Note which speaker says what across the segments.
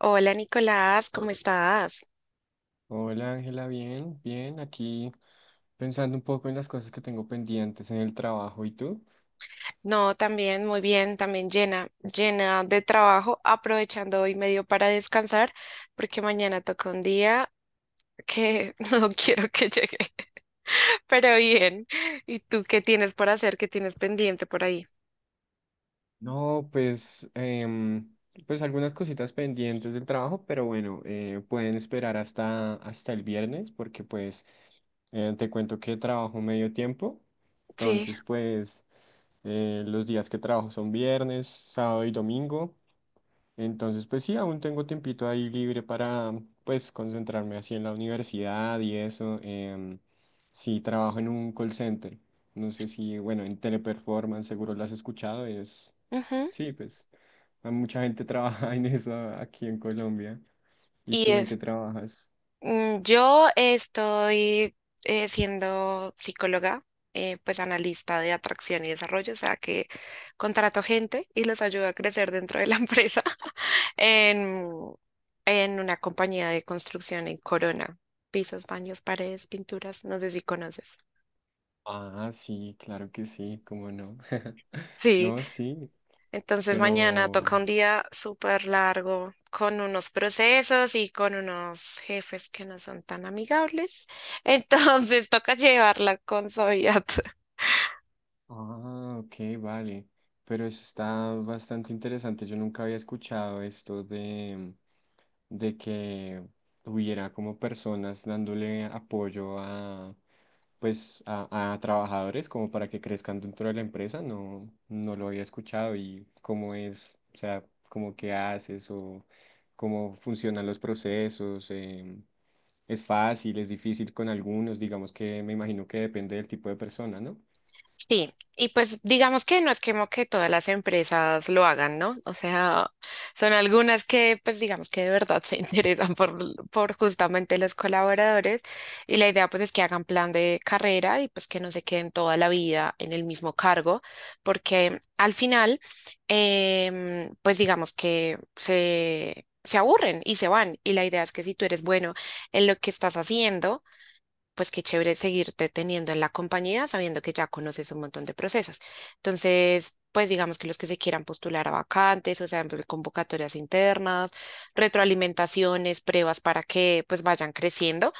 Speaker 1: Hola Nicolás, ¿cómo estás?
Speaker 2: Hola Ángela, bien, bien, aquí pensando un poco en las cosas que tengo pendientes en el trabajo. ¿Y tú?
Speaker 1: No, también muy bien, también llena, llena de trabajo, aprovechando hoy medio para descansar, porque mañana toca un día que no quiero que llegue, pero bien. ¿Y tú qué tienes por hacer? ¿Qué tienes pendiente por ahí?
Speaker 2: No, pues, pues algunas cositas pendientes del trabajo, pero bueno, pueden esperar hasta el viernes porque pues te cuento que trabajo medio tiempo.
Speaker 1: Sí.
Speaker 2: Entonces, pues, los días que trabajo son viernes, sábado y domingo. Entonces, pues sí, aún tengo tiempito ahí libre para, pues, concentrarme así en la universidad y eso. Sí, trabajo en un call center. No sé si, bueno, en Teleperformance seguro lo has escuchado. Es,
Speaker 1: Ujú.
Speaker 2: sí, pues, a mucha gente trabaja en eso aquí en Colombia. ¿Y
Speaker 1: Y
Speaker 2: tú en qué
Speaker 1: es
Speaker 2: trabajas?
Speaker 1: Yo estoy siendo psicóloga, pues analista de atracción y desarrollo, o sea que contrato gente y los ayudo a crecer dentro de la empresa en, en una compañía de construcción en Corona. Pisos, baños, paredes, pinturas, no sé si conoces.
Speaker 2: Ah, sí, claro que sí, cómo no.
Speaker 1: Sí.
Speaker 2: No, sí,
Speaker 1: Entonces mañana
Speaker 2: pero...
Speaker 1: toca un día súper largo con unos procesos y con unos jefes que no son tan amigables. Entonces toca llevarla con suavidad.
Speaker 2: Ah, ok, vale. Pero eso está bastante interesante. Yo nunca había escuchado esto de que hubiera como personas dándole apoyo a, pues, a trabajadores como para que crezcan dentro de la empresa. No, no lo había escuchado y cómo es, o sea, como qué haces o cómo funcionan los procesos. Es fácil, es difícil con algunos, digamos que me imagino que depende del tipo de persona, ¿no?
Speaker 1: Sí, y pues digamos que no es como que todas las empresas lo hagan, ¿no? O sea, son algunas que pues digamos que de verdad se interesan por justamente los colaboradores y la idea pues es que hagan plan de carrera y pues que no se queden toda la vida en el mismo cargo, porque al final pues digamos que se aburren y se van. Y la idea es que si tú eres bueno en lo que estás haciendo, pues qué chévere seguirte teniendo en la compañía sabiendo que ya conoces un montón de procesos. Entonces, pues digamos que los que se quieran postular a vacantes, o sea, en convocatorias internas, retroalimentaciones, pruebas para que pues vayan creciendo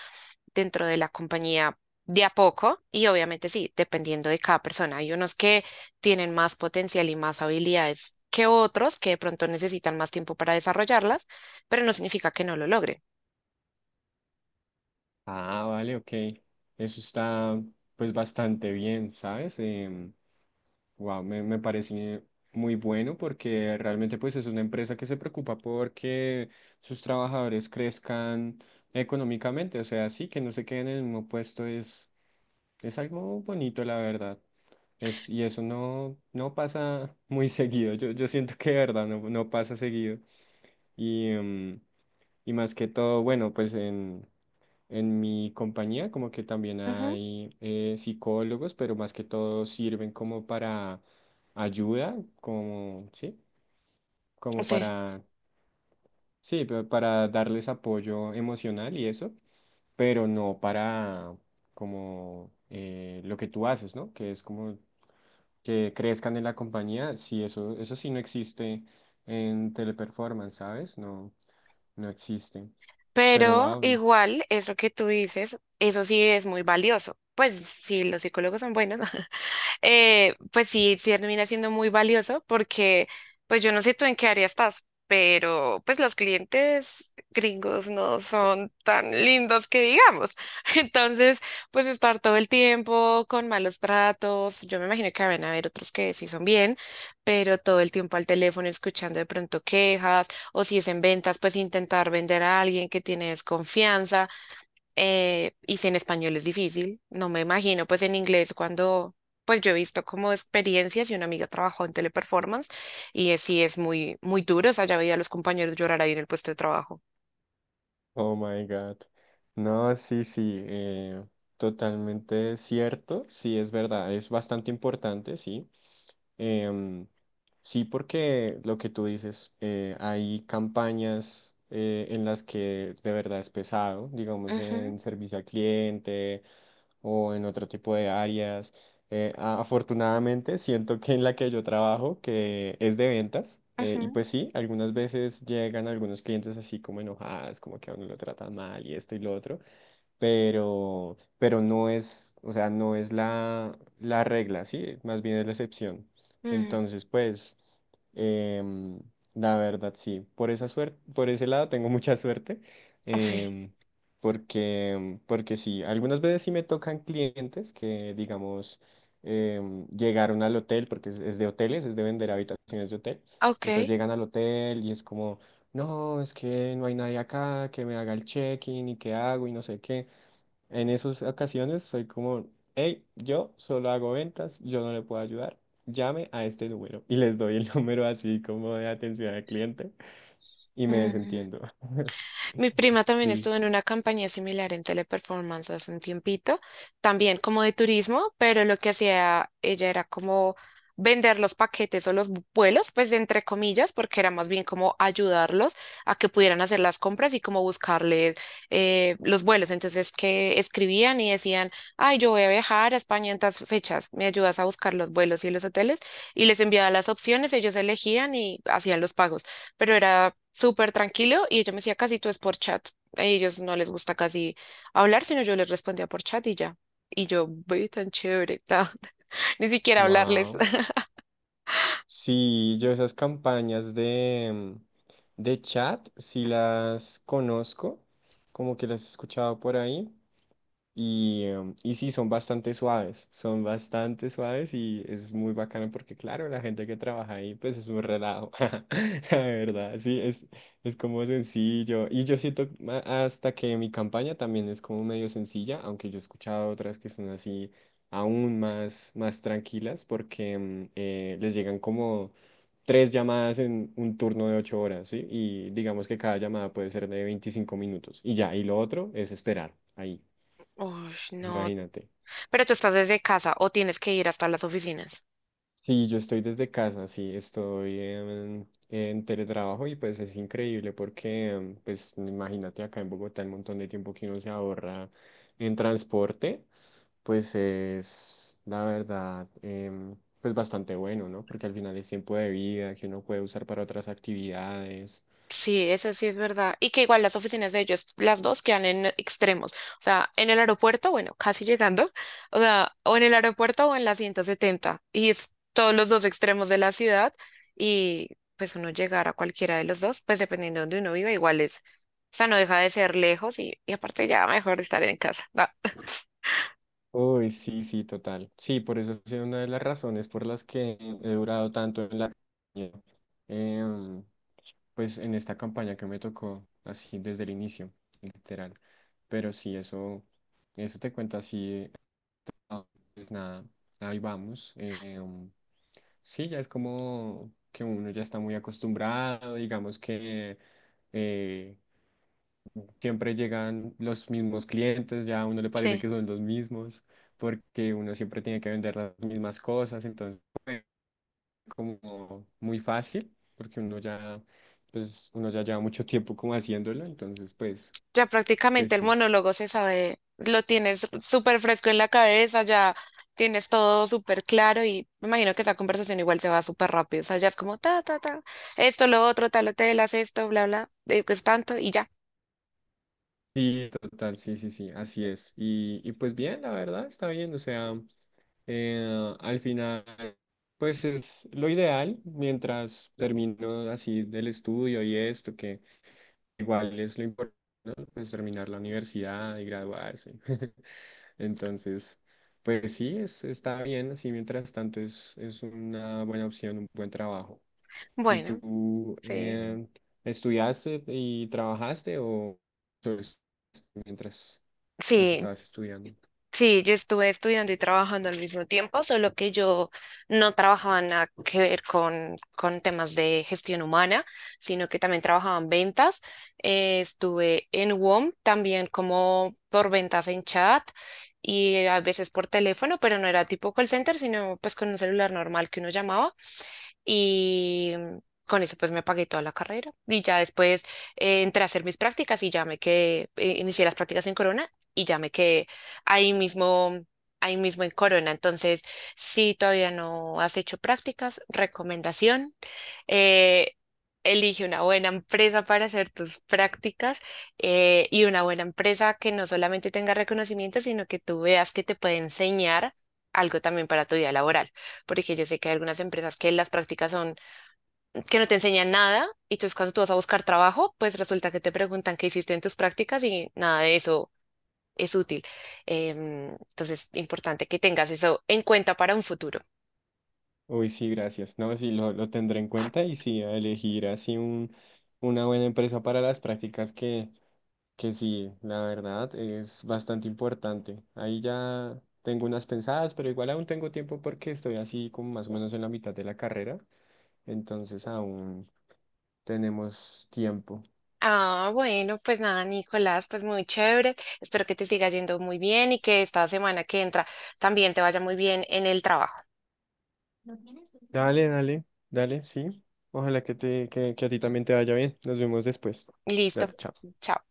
Speaker 1: dentro de la compañía de a poco y obviamente sí, dependiendo de cada persona. Hay unos que tienen más potencial y más habilidades que otros que de pronto necesitan más tiempo para desarrollarlas, pero no significa que no lo logren.
Speaker 2: Ah, vale, ok. Eso está pues bastante bien, ¿sabes? Wow, me parece muy bueno porque realmente pues es una empresa que se preocupa porque sus trabajadores crezcan económicamente. O sea, sí, que no se queden en el mismo puesto es algo bonito, la verdad. Es, y eso no pasa muy seguido. Yo siento que de verdad no pasa seguido. Y, y más que todo, bueno, pues en... En mi compañía como que también
Speaker 1: Ujú.
Speaker 2: hay psicólogos, pero más que todo sirven como para ayuda, como, sí, como
Speaker 1: Sí.
Speaker 2: para, sí, para darles apoyo emocional y eso, pero no para como lo que tú haces, ¿no? Que es como que crezcan en la compañía, sí, eso sí no existe en Teleperformance, ¿sabes? No, no existe. Pero
Speaker 1: Pero
Speaker 2: wow.
Speaker 1: igual, eso que tú dices, eso sí es muy valioso. Pues si los psicólogos son buenos, pues sí, sí termina siendo muy valioso porque, pues yo no sé tú en qué área estás, pero pues los clientes gringos no son tan lindos que digamos. Entonces, pues estar todo el tiempo con malos tratos, yo me imagino que van a haber otros que sí son bien, pero todo el tiempo al teléfono escuchando de pronto quejas o si es en ventas, pues intentar vender a alguien que tiene desconfianza y si en español es difícil, no me imagino, pues en inglés cuando, pues yo he visto como experiencias y una amiga trabajó en teleperformance y sí es muy, muy duro, o sea, ya veía a los compañeros llorar ahí en el puesto de trabajo.
Speaker 2: Oh my God. No, sí, sí, totalmente cierto. Sí, es verdad, es bastante importante, sí. Em, sí, porque lo que tú dices, hay campañas en las que de verdad es pesado, digamos,
Speaker 1: Ujú,
Speaker 2: en servicio al cliente o en otro tipo de áreas. Afortunadamente, siento que en la que yo trabajo, que es de ventas, y
Speaker 1: ujú,
Speaker 2: pues sí, algunas veces llegan algunos clientes así como enojadas, como que a uno lo tratan mal y esto y lo otro pero no es, o sea, no es la regla, sí, más bien es la excepción.
Speaker 1: mm,
Speaker 2: Entonces, pues, em, la verdad, sí, por esa suerte, por ese lado tengo mucha suerte,
Speaker 1: sí,
Speaker 2: em, porque sí, algunas veces sí me tocan clientes que, digamos, llegaron al hotel, porque es de hoteles, es de vender habitaciones de hotel,
Speaker 1: ok.
Speaker 2: entonces llegan al hotel y es como... No, es que no hay nadie acá que me haga el check-in y qué hago y no sé qué. En esas ocasiones soy como, hey, yo solo hago ventas, yo no le puedo ayudar, llame a este número. Y les doy el número así como de atención al cliente y me desentiendo.
Speaker 1: Mi prima también
Speaker 2: Sí.
Speaker 1: estuvo en una campaña similar en Teleperformance hace un tiempito, también como de turismo, pero lo que hacía ella era como vender los paquetes o los vuelos, pues entre comillas, porque era más bien como ayudarlos a que pudieran hacer las compras y como buscarles los vuelos. Entonces que escribían y decían, ay, yo voy a viajar a España en tas fechas, me ayudas a buscar los vuelos y los hoteles, y les enviaba las opciones, ellos elegían y hacían los pagos pero era súper tranquilo y ella me decía, casi tú es por chat. A ellos no les gusta casi hablar, sino yo les respondía por chat y ya. Y yo, ve tan chévere, ta". Ni siquiera hablarles.
Speaker 2: Wow. Sí, yo esas campañas de, de chat, sí las conozco, como que las he escuchado por ahí. Y, y sí, son bastante suaves y es muy bacano porque, claro, la gente que trabaja ahí, pues es un relajo, la verdad, sí, es como sencillo. Y yo siento hasta que mi campaña también es como medio sencilla, aunque yo he escuchado otras que son así aún más, más tranquilas porque les llegan como tres llamadas en un turno de 8 horas, ¿sí? Y digamos que cada llamada puede ser de 25 minutos y ya, y lo otro es esperar ahí.
Speaker 1: Uy, no.
Speaker 2: Imagínate.
Speaker 1: Pero tú estás desde casa o tienes que ir hasta las oficinas.
Speaker 2: Sí, yo estoy desde casa, sí, estoy en teletrabajo y pues es increíble porque, pues imagínate acá en Bogotá el montón de tiempo que uno se ahorra en transporte, pues es la verdad, pues bastante bueno, ¿no? Porque al final es tiempo de vida que uno puede usar para otras actividades.
Speaker 1: Sí, eso sí es verdad. Y que igual las oficinas de ellos, las dos quedan en extremos. O sea, en el aeropuerto, bueno, casi llegando, o sea, o en el aeropuerto o en la 170. Y es todos los dos extremos de la ciudad. Y pues uno llegar a cualquiera de los dos, pues dependiendo de donde uno viva, igual es. O sea, no deja de ser lejos y aparte ya mejor estar en casa. No,
Speaker 2: Uy, sí, sí, total. Sí, por eso es una de las razones por las que he durado tanto en la... compañía. Em, pues en esta campaña que me tocó, así desde el inicio, literal. Pero sí, eso te cuenta así, ah, pues nada, ahí vamos. Sí, ya es como que uno ya está muy acostumbrado, digamos que eh, siempre llegan los mismos clientes, ya a uno le parece
Speaker 1: sí.
Speaker 2: que son los mismos, porque uno siempre tiene que vender las mismas cosas, entonces como muy fácil, porque uno ya, pues, uno ya lleva mucho tiempo como haciéndolo, entonces, pues,
Speaker 1: Ya
Speaker 2: pues
Speaker 1: prácticamente el
Speaker 2: sí.
Speaker 1: monólogo se sabe, lo tienes súper fresco en la cabeza, ya tienes todo súper claro y me imagino que esa conversación igual se va súper rápido. O sea, ya es como ta, ta, ta, esto, lo otro, tal hotel, haz esto, bla, bla, que es tanto y ya.
Speaker 2: Sí, total, sí, sí, sí, así es. Y pues bien, la verdad, está bien, o sea, al final, pues es lo ideal mientras termino así del estudio y esto, que igual es lo importante, pues terminar la universidad y graduarse. Entonces... Pues sí, es, está bien, así mientras tanto es una buena opción, un buen trabajo. ¿Y
Speaker 1: Bueno,
Speaker 2: tú
Speaker 1: sí.
Speaker 2: estudiaste y trabajaste o solo mientras, mientras
Speaker 1: Sí,
Speaker 2: estabas estudiando?
Speaker 1: Sí, yo estuve estudiando y trabajando al mismo tiempo, solo que yo no trabajaba nada que ver con temas de gestión humana, sino que también trabajaba en ventas. Estuve en WOM también como por ventas en chat y a veces por teléfono, pero no era tipo call center, sino pues con un celular normal que uno llamaba. Y mm, con eso pues me pagué toda la carrera. Y ya después entré a hacer mis prácticas y ya me quedé, inicié las prácticas en Corona y ya me quedé ahí mismo, ahí mismo en Corona. Entonces, si todavía no has hecho prácticas, recomendación, eh, elige una buena empresa para hacer tus prácticas y una buena empresa que no solamente tenga reconocimiento, sino que tú veas que te puede enseñar algo también para tu vida laboral, porque yo sé que hay algunas empresas que las prácticas son que no te enseñan nada y entonces cuando tú vas a buscar trabajo, pues resulta que te preguntan qué hiciste en tus prácticas y nada de eso es útil. Entonces, importante que tengas eso en cuenta para un futuro.
Speaker 2: Uy, sí, gracias. No, sí, lo tendré en cuenta y sí, a elegir así un, una buena empresa para las prácticas que sí, la verdad es bastante importante. Ahí ya tengo unas pensadas, pero igual aún tengo tiempo porque estoy así como más o menos en la mitad de la carrera, entonces aún tenemos tiempo.
Speaker 1: Ah, bueno, pues nada, Nicolás, pues muy chévere. Espero que te siga yendo muy bien y que esta semana que entra también te vaya muy bien en el trabajo.
Speaker 2: Dale, dale, dale, sí. Ojalá que te, que a ti también te vaya bien. Nos vemos después.
Speaker 1: Listo.
Speaker 2: Dale, chao.
Speaker 1: Chao.